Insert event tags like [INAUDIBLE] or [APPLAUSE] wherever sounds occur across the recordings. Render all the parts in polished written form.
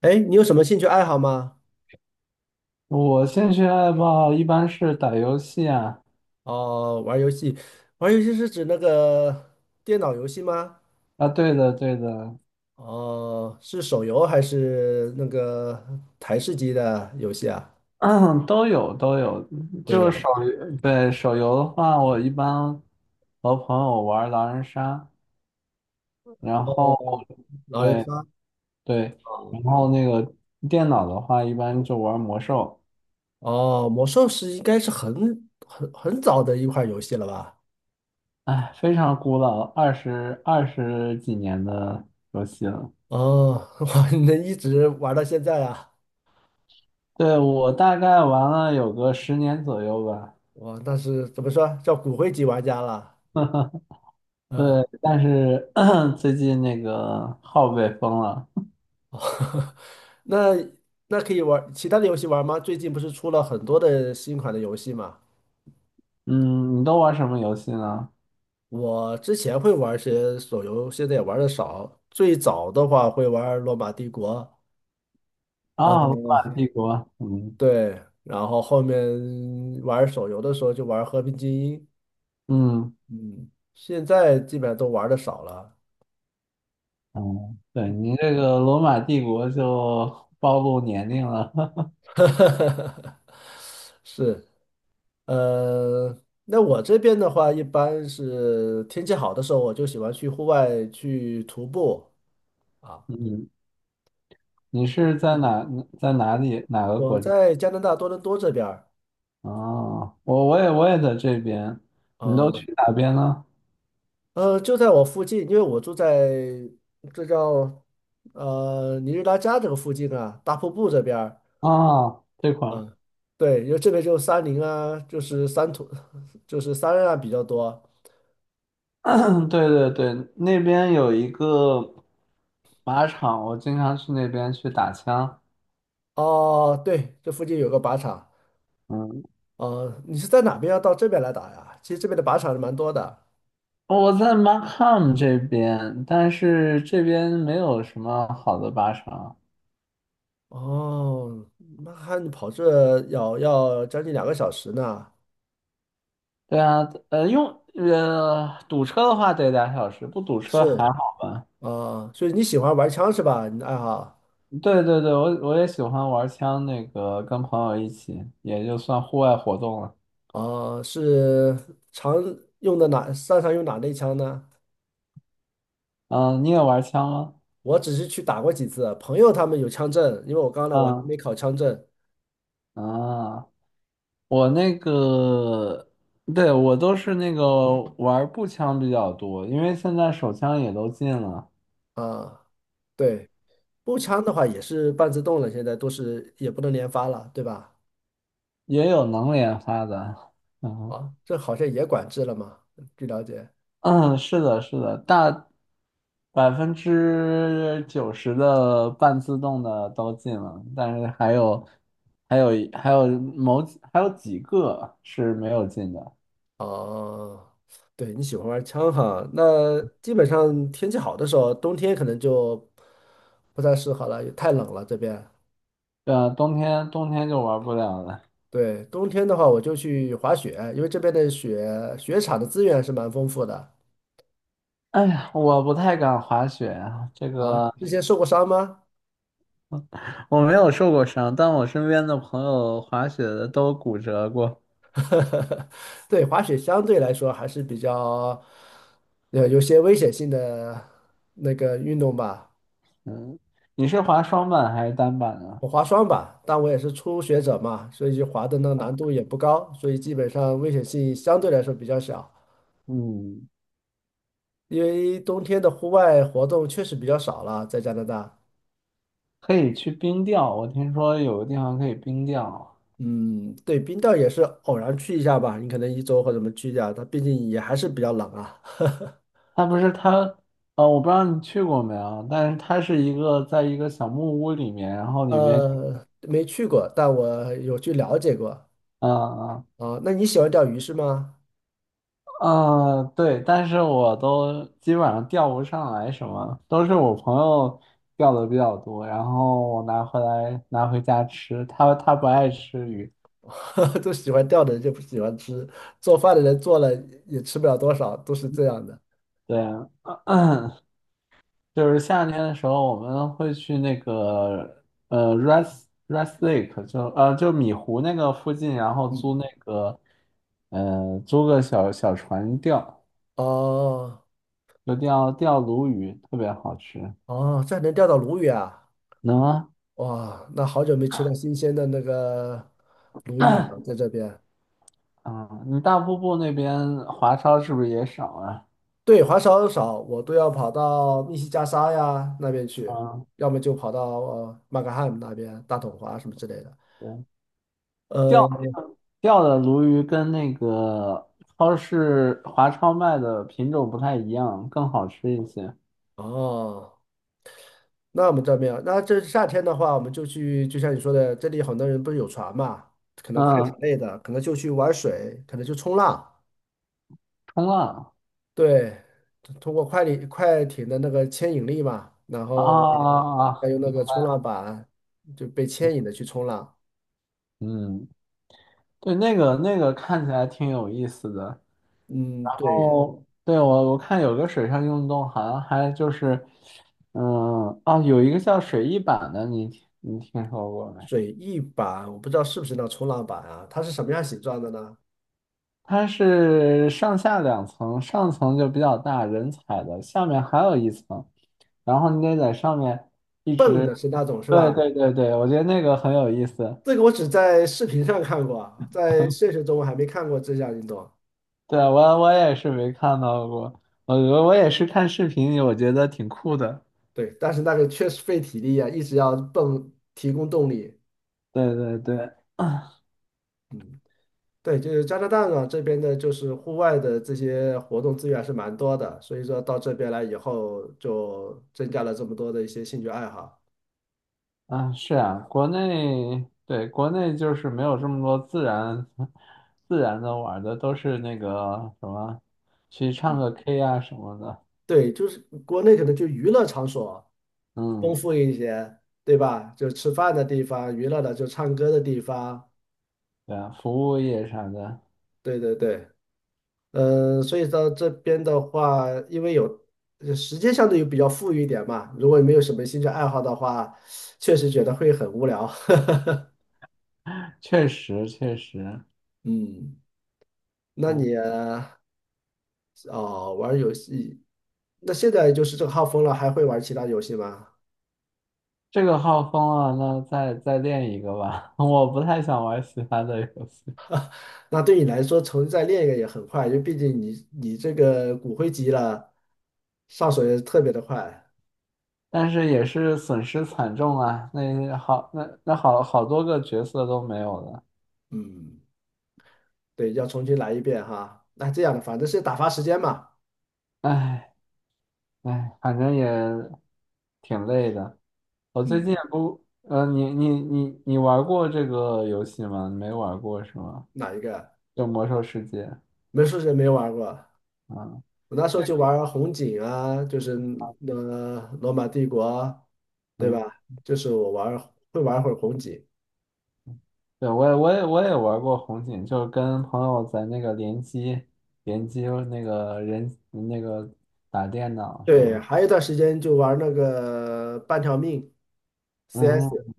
哎，你有什么兴趣爱好吗？我兴趣爱好一般是打游戏啊。哦，玩儿游戏，玩儿游戏是指那个电脑游戏吗？啊，对的，对的，哦，是手游还是那个台式机的游戏啊？[CLEARS THROAT] 都有都有。都就是有。手游，对。手游的话，我一般和朋友玩狼人杀，然哦，后狼人对杀对。啊然后那个电脑的话，一般就玩魔兽。哦，魔兽是应该是很早的一款游戏了吧？哎，非常古老，二十几年的游戏了。哦，[LAUGHS] 哇，你能一直玩到现在啊？对，我大概玩了有个10年左右吧。哇，那是怎么说叫骨灰级玩家了？对，呃但是 [CLEARS THROAT] 最近那个号被封了。那那可以玩儿其他的游戏玩吗？最近不是出了很多的新款的游戏嘛？嗯，你都玩什么游戏呢？我之前会玩些手游，现在也玩的少。最早的话会玩罗马帝国》，啊，罗嗯，马帝国。嗯对，然后后面玩手游的时候就玩和平精英》，嗯嗯，现在基本上都玩的少了。嗯。对，你这个罗马帝国就暴露年龄了。[LAUGHS] [LAUGHS] 是，呃，那我这边的话，一般是天气好的时候，我就喜欢去户外去徒步。啊。嗯，你是在哪里哪个我国家？在加拿大多伦多这边儿哦，我也在这边。你都啊，去哪边呢？呃，就在我附近，因为我住在这叫呃尼日拉加这个附近啊，大瀑布这边儿啊，这块儿。啊，对，因为这边就是山林啊，就是山土，就是山啊比较多。[CLEARS THROAT] 对对对，那边有一个靶场，我经常去那边去打枪。哦，对，这附近有个靶场。嗯。呃，你是在哪边要到这边来打呀？其实这边的靶场是蛮多的。哦我在 MARAM 这边，但是这边没有什么好的巴士啊。哦，那还你跑这要将近两个小时呢。对啊。呃，用堵车的话得俩小时，不堵车还是好吧？啊，所以你喜欢玩枪是吧？你的爱好。对对对，我也喜欢玩枪，那个跟朋友一起，也就算户外活动了。哦，是常用的哪，擅长用哪类枪呢？嗯，你也玩枪吗？我只是去打过几次，朋友他们有枪证，因为我刚来我还嗯，没考枪证啊，我那个，对，我都是那个玩步枪比较多，因为现在手枪也都禁了。啊。对，步枪的话也是半自动了，现在都是也不能连发了，对吧？也有能连发的。[LAUGHS] 啊，这好像也管制了嘛，据了解。嗯，是的，是的，大90%的半自动的都进了，但是还有还有几个是没有进的。哦，对，你喜欢玩枪哈？那基本上天气好的时候，冬天可能就不太适合了，也太冷了这边。对啊，冬天就玩不了了。对，冬天的话，我就去滑雪，因为这边的雪场的资源是蛮丰富的哎呀，我不太敢滑雪啊，这啊。个之前受过伤吗？我没有受过伤，但我身边的朋友滑雪的都骨折过。[LAUGHS] 对，滑雪相对来说还是比较有些危险性的那个运动吧，嗯，你是滑双板还是单板啊？我滑双吧，但我也是初学者嘛，所以就滑的那个难度也不高，所以基本上危险性相对来说比较小。嗯，因为冬天的户外活动确实比较少了，在加拿大。可以去冰钓，我听说有个地方可以冰钓啊。嗯，对，冰钓也是偶然去一下吧，你可能一周或者什么去一下，它毕竟也还是比较冷啊。[LAUGHS] 他不是他，呃，我不知道你去过没有，但是它是一个在一个小木屋里面，然后里面。呃，没去过，但我有去了解过。嗯嗯啊，那你喜欢钓鱼是吗？嗯。对，但是我都基本上钓不上来什么，都是我朋友钓的比较多，然后我拿回家吃，他不爱吃鱼。[LAUGHS] 都喜欢钓的人就不喜欢吃，做饭的人做了也吃不了多少，都是这样的。对啊。[CLEARS THROAT] 就是夏天的时候，我们会去Red Lake，就米湖那个附近，然后嗯，租个小小船钓，哦就钓钓鲈鱼，特别好吃。哦，这还能钓到鲈鱼啊！能啊。哇，那好久没吃到新鲜的那个鲈鱼了，在这边。嗯，你大瀑布那边华超是不是也少啊？对，滑少，我都要跑到密西加沙呀那边去，嗯，要么就跑到呃马克汉姆那边大统华什么之类的。对，钓呃，钓的鲈鱼跟那个超市华超卖的品种不太一样，更好吃一些。哦，那我们这边啊，那这夏天的话，我们就去，就像你说的，这里很多人不是有船嘛，可能快艇嗯，类的，可能就去玩水，可能去冲浪，冲浪。对，通过快艇的那个牵引力嘛，然后啊，再用那个冲浪板就被牵引的去冲浪。嗯，对，那个看起来挺有意思的。嗯，哦，对，对，我看有个水上运动，好像还就是。嗯。哦，有一个叫水翼板的，你听说过没？水翼板，我不知道是不是那种冲浪板啊？它是什么样形状的呢？它是上下两层，上层就比较大，人踩的，下面还有一层，然后你得在上面一蹦直。的是那种是对吧？对对对，我觉得那个很有意思。这个我只在视频上看过啊，在现实中我还没看过这项运动。对，我也是没看到过，我也是看视频，我觉得挺酷的。对，但是那个确实费体力啊，一直要蹦，提供动力。对对对。[CLEARS THROAT] 嗯，对，就是加拿大呢这边的，就是户外的这些活动资源是蛮多的，所以说到这边来以后，就增加了这么多的一些兴趣爱好。啊，是啊，国内，对，国内就是没有这么多自然 [LAUGHS] 自然的玩儿的，都是那个什么，去唱嗯，个 K 啊什么的。对，就是国内可能就娱乐场所。丰嗯，富一些，对吧？就吃饭的地方，娱乐的就唱歌的地方，对啊，服务业啥的。对对对，嗯，所以到这边的话，因为有呃时间相对于比较富裕一点嘛，如果你没有什么兴趣爱好的话，确实觉得会很无聊。[LAUGHS] 确实确实。嗯，那你嗯，哦玩游戏，那现在就是这个号封了，还会玩其他游戏吗？这个号封了，那再练一个吧。[LAUGHS] 我不太想玩其他的游戏，那对你来说，重新再练一个也很快，因为毕竟你这个骨灰级了，上手也特别的快。但是也是损失惨重啊。那好，那好多个角色都没有了。嗯。对，要重新来一遍哈。那这样的，反正是打发时间嘛。唉。哎，反正也挺累的。我最近嗯，也不，你玩过这个游戏吗？你没玩过是吗？哪一个？就《魔兽世界》。美术师没玩过，啊，我那时这候就个。玩红警啊，就是呃罗马帝国，对嗯，吧？就是我玩会玩会儿红警。对，我也玩过红警，就是跟朋友在那个联机那个人那个打电脑什么对，还的。有一段时间就玩那个半条命嗯，CS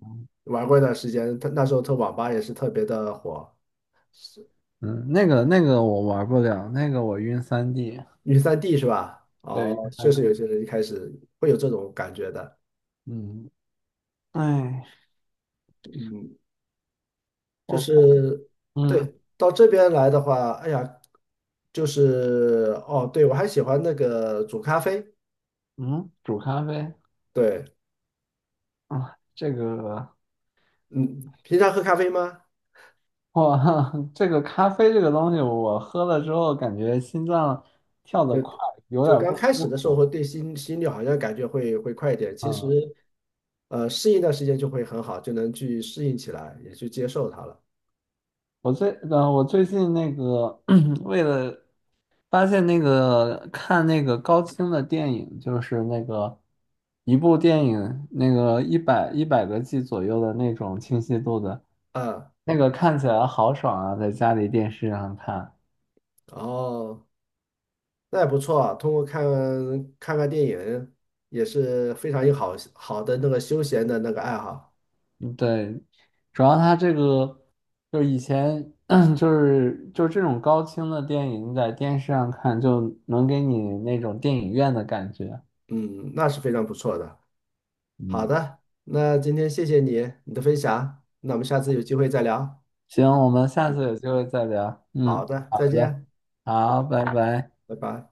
玩过一段时间，他那时候他网吧也是特别的火，嗯。那个我玩不了，那个我晕三 d。 女三 D 是吧？对，晕哦，确三 实有 d 些人一开始会有这种感觉的，嗯，哎，嗯，就我看。是嗯对，到这边来的话，哎呀，就是哦，对，我还喜欢那个煮咖啡。嗯，煮咖啡。对，啊，这个嗯，平常喝咖啡吗？哇。[LAUGHS] 这个咖啡这个东西，我喝了之后感觉心脏跳得快，就有就点刚不开始舒的时候会服。对心率好像感觉会快一点，其实嗯，呃适应一段时间就会很好，就能去适应起来，也去接受它了。我最近那个 [CLEARS THROAT] 为了发现那个看那个高清的电影，就是那个一部电影那个一百个 G 左右的那种清晰度的，啊，那个看起来好爽啊，在家里电视上看。哦，那也不错啊通过看电影也是非常有好的那个休闲的那个爱好，嗯，对，主要它这个就是以前 [CLEARS THROAT] 就是这种高清的电影，你在电视上看就能给你那种电影院的感觉。嗯，那是非常不错的。好嗯，的，那今天谢谢你的分享，那我们下次有机会再聊。行，我们下次有机会再聊。好嗯，的，好再的，见，好，拜拜。拜拜。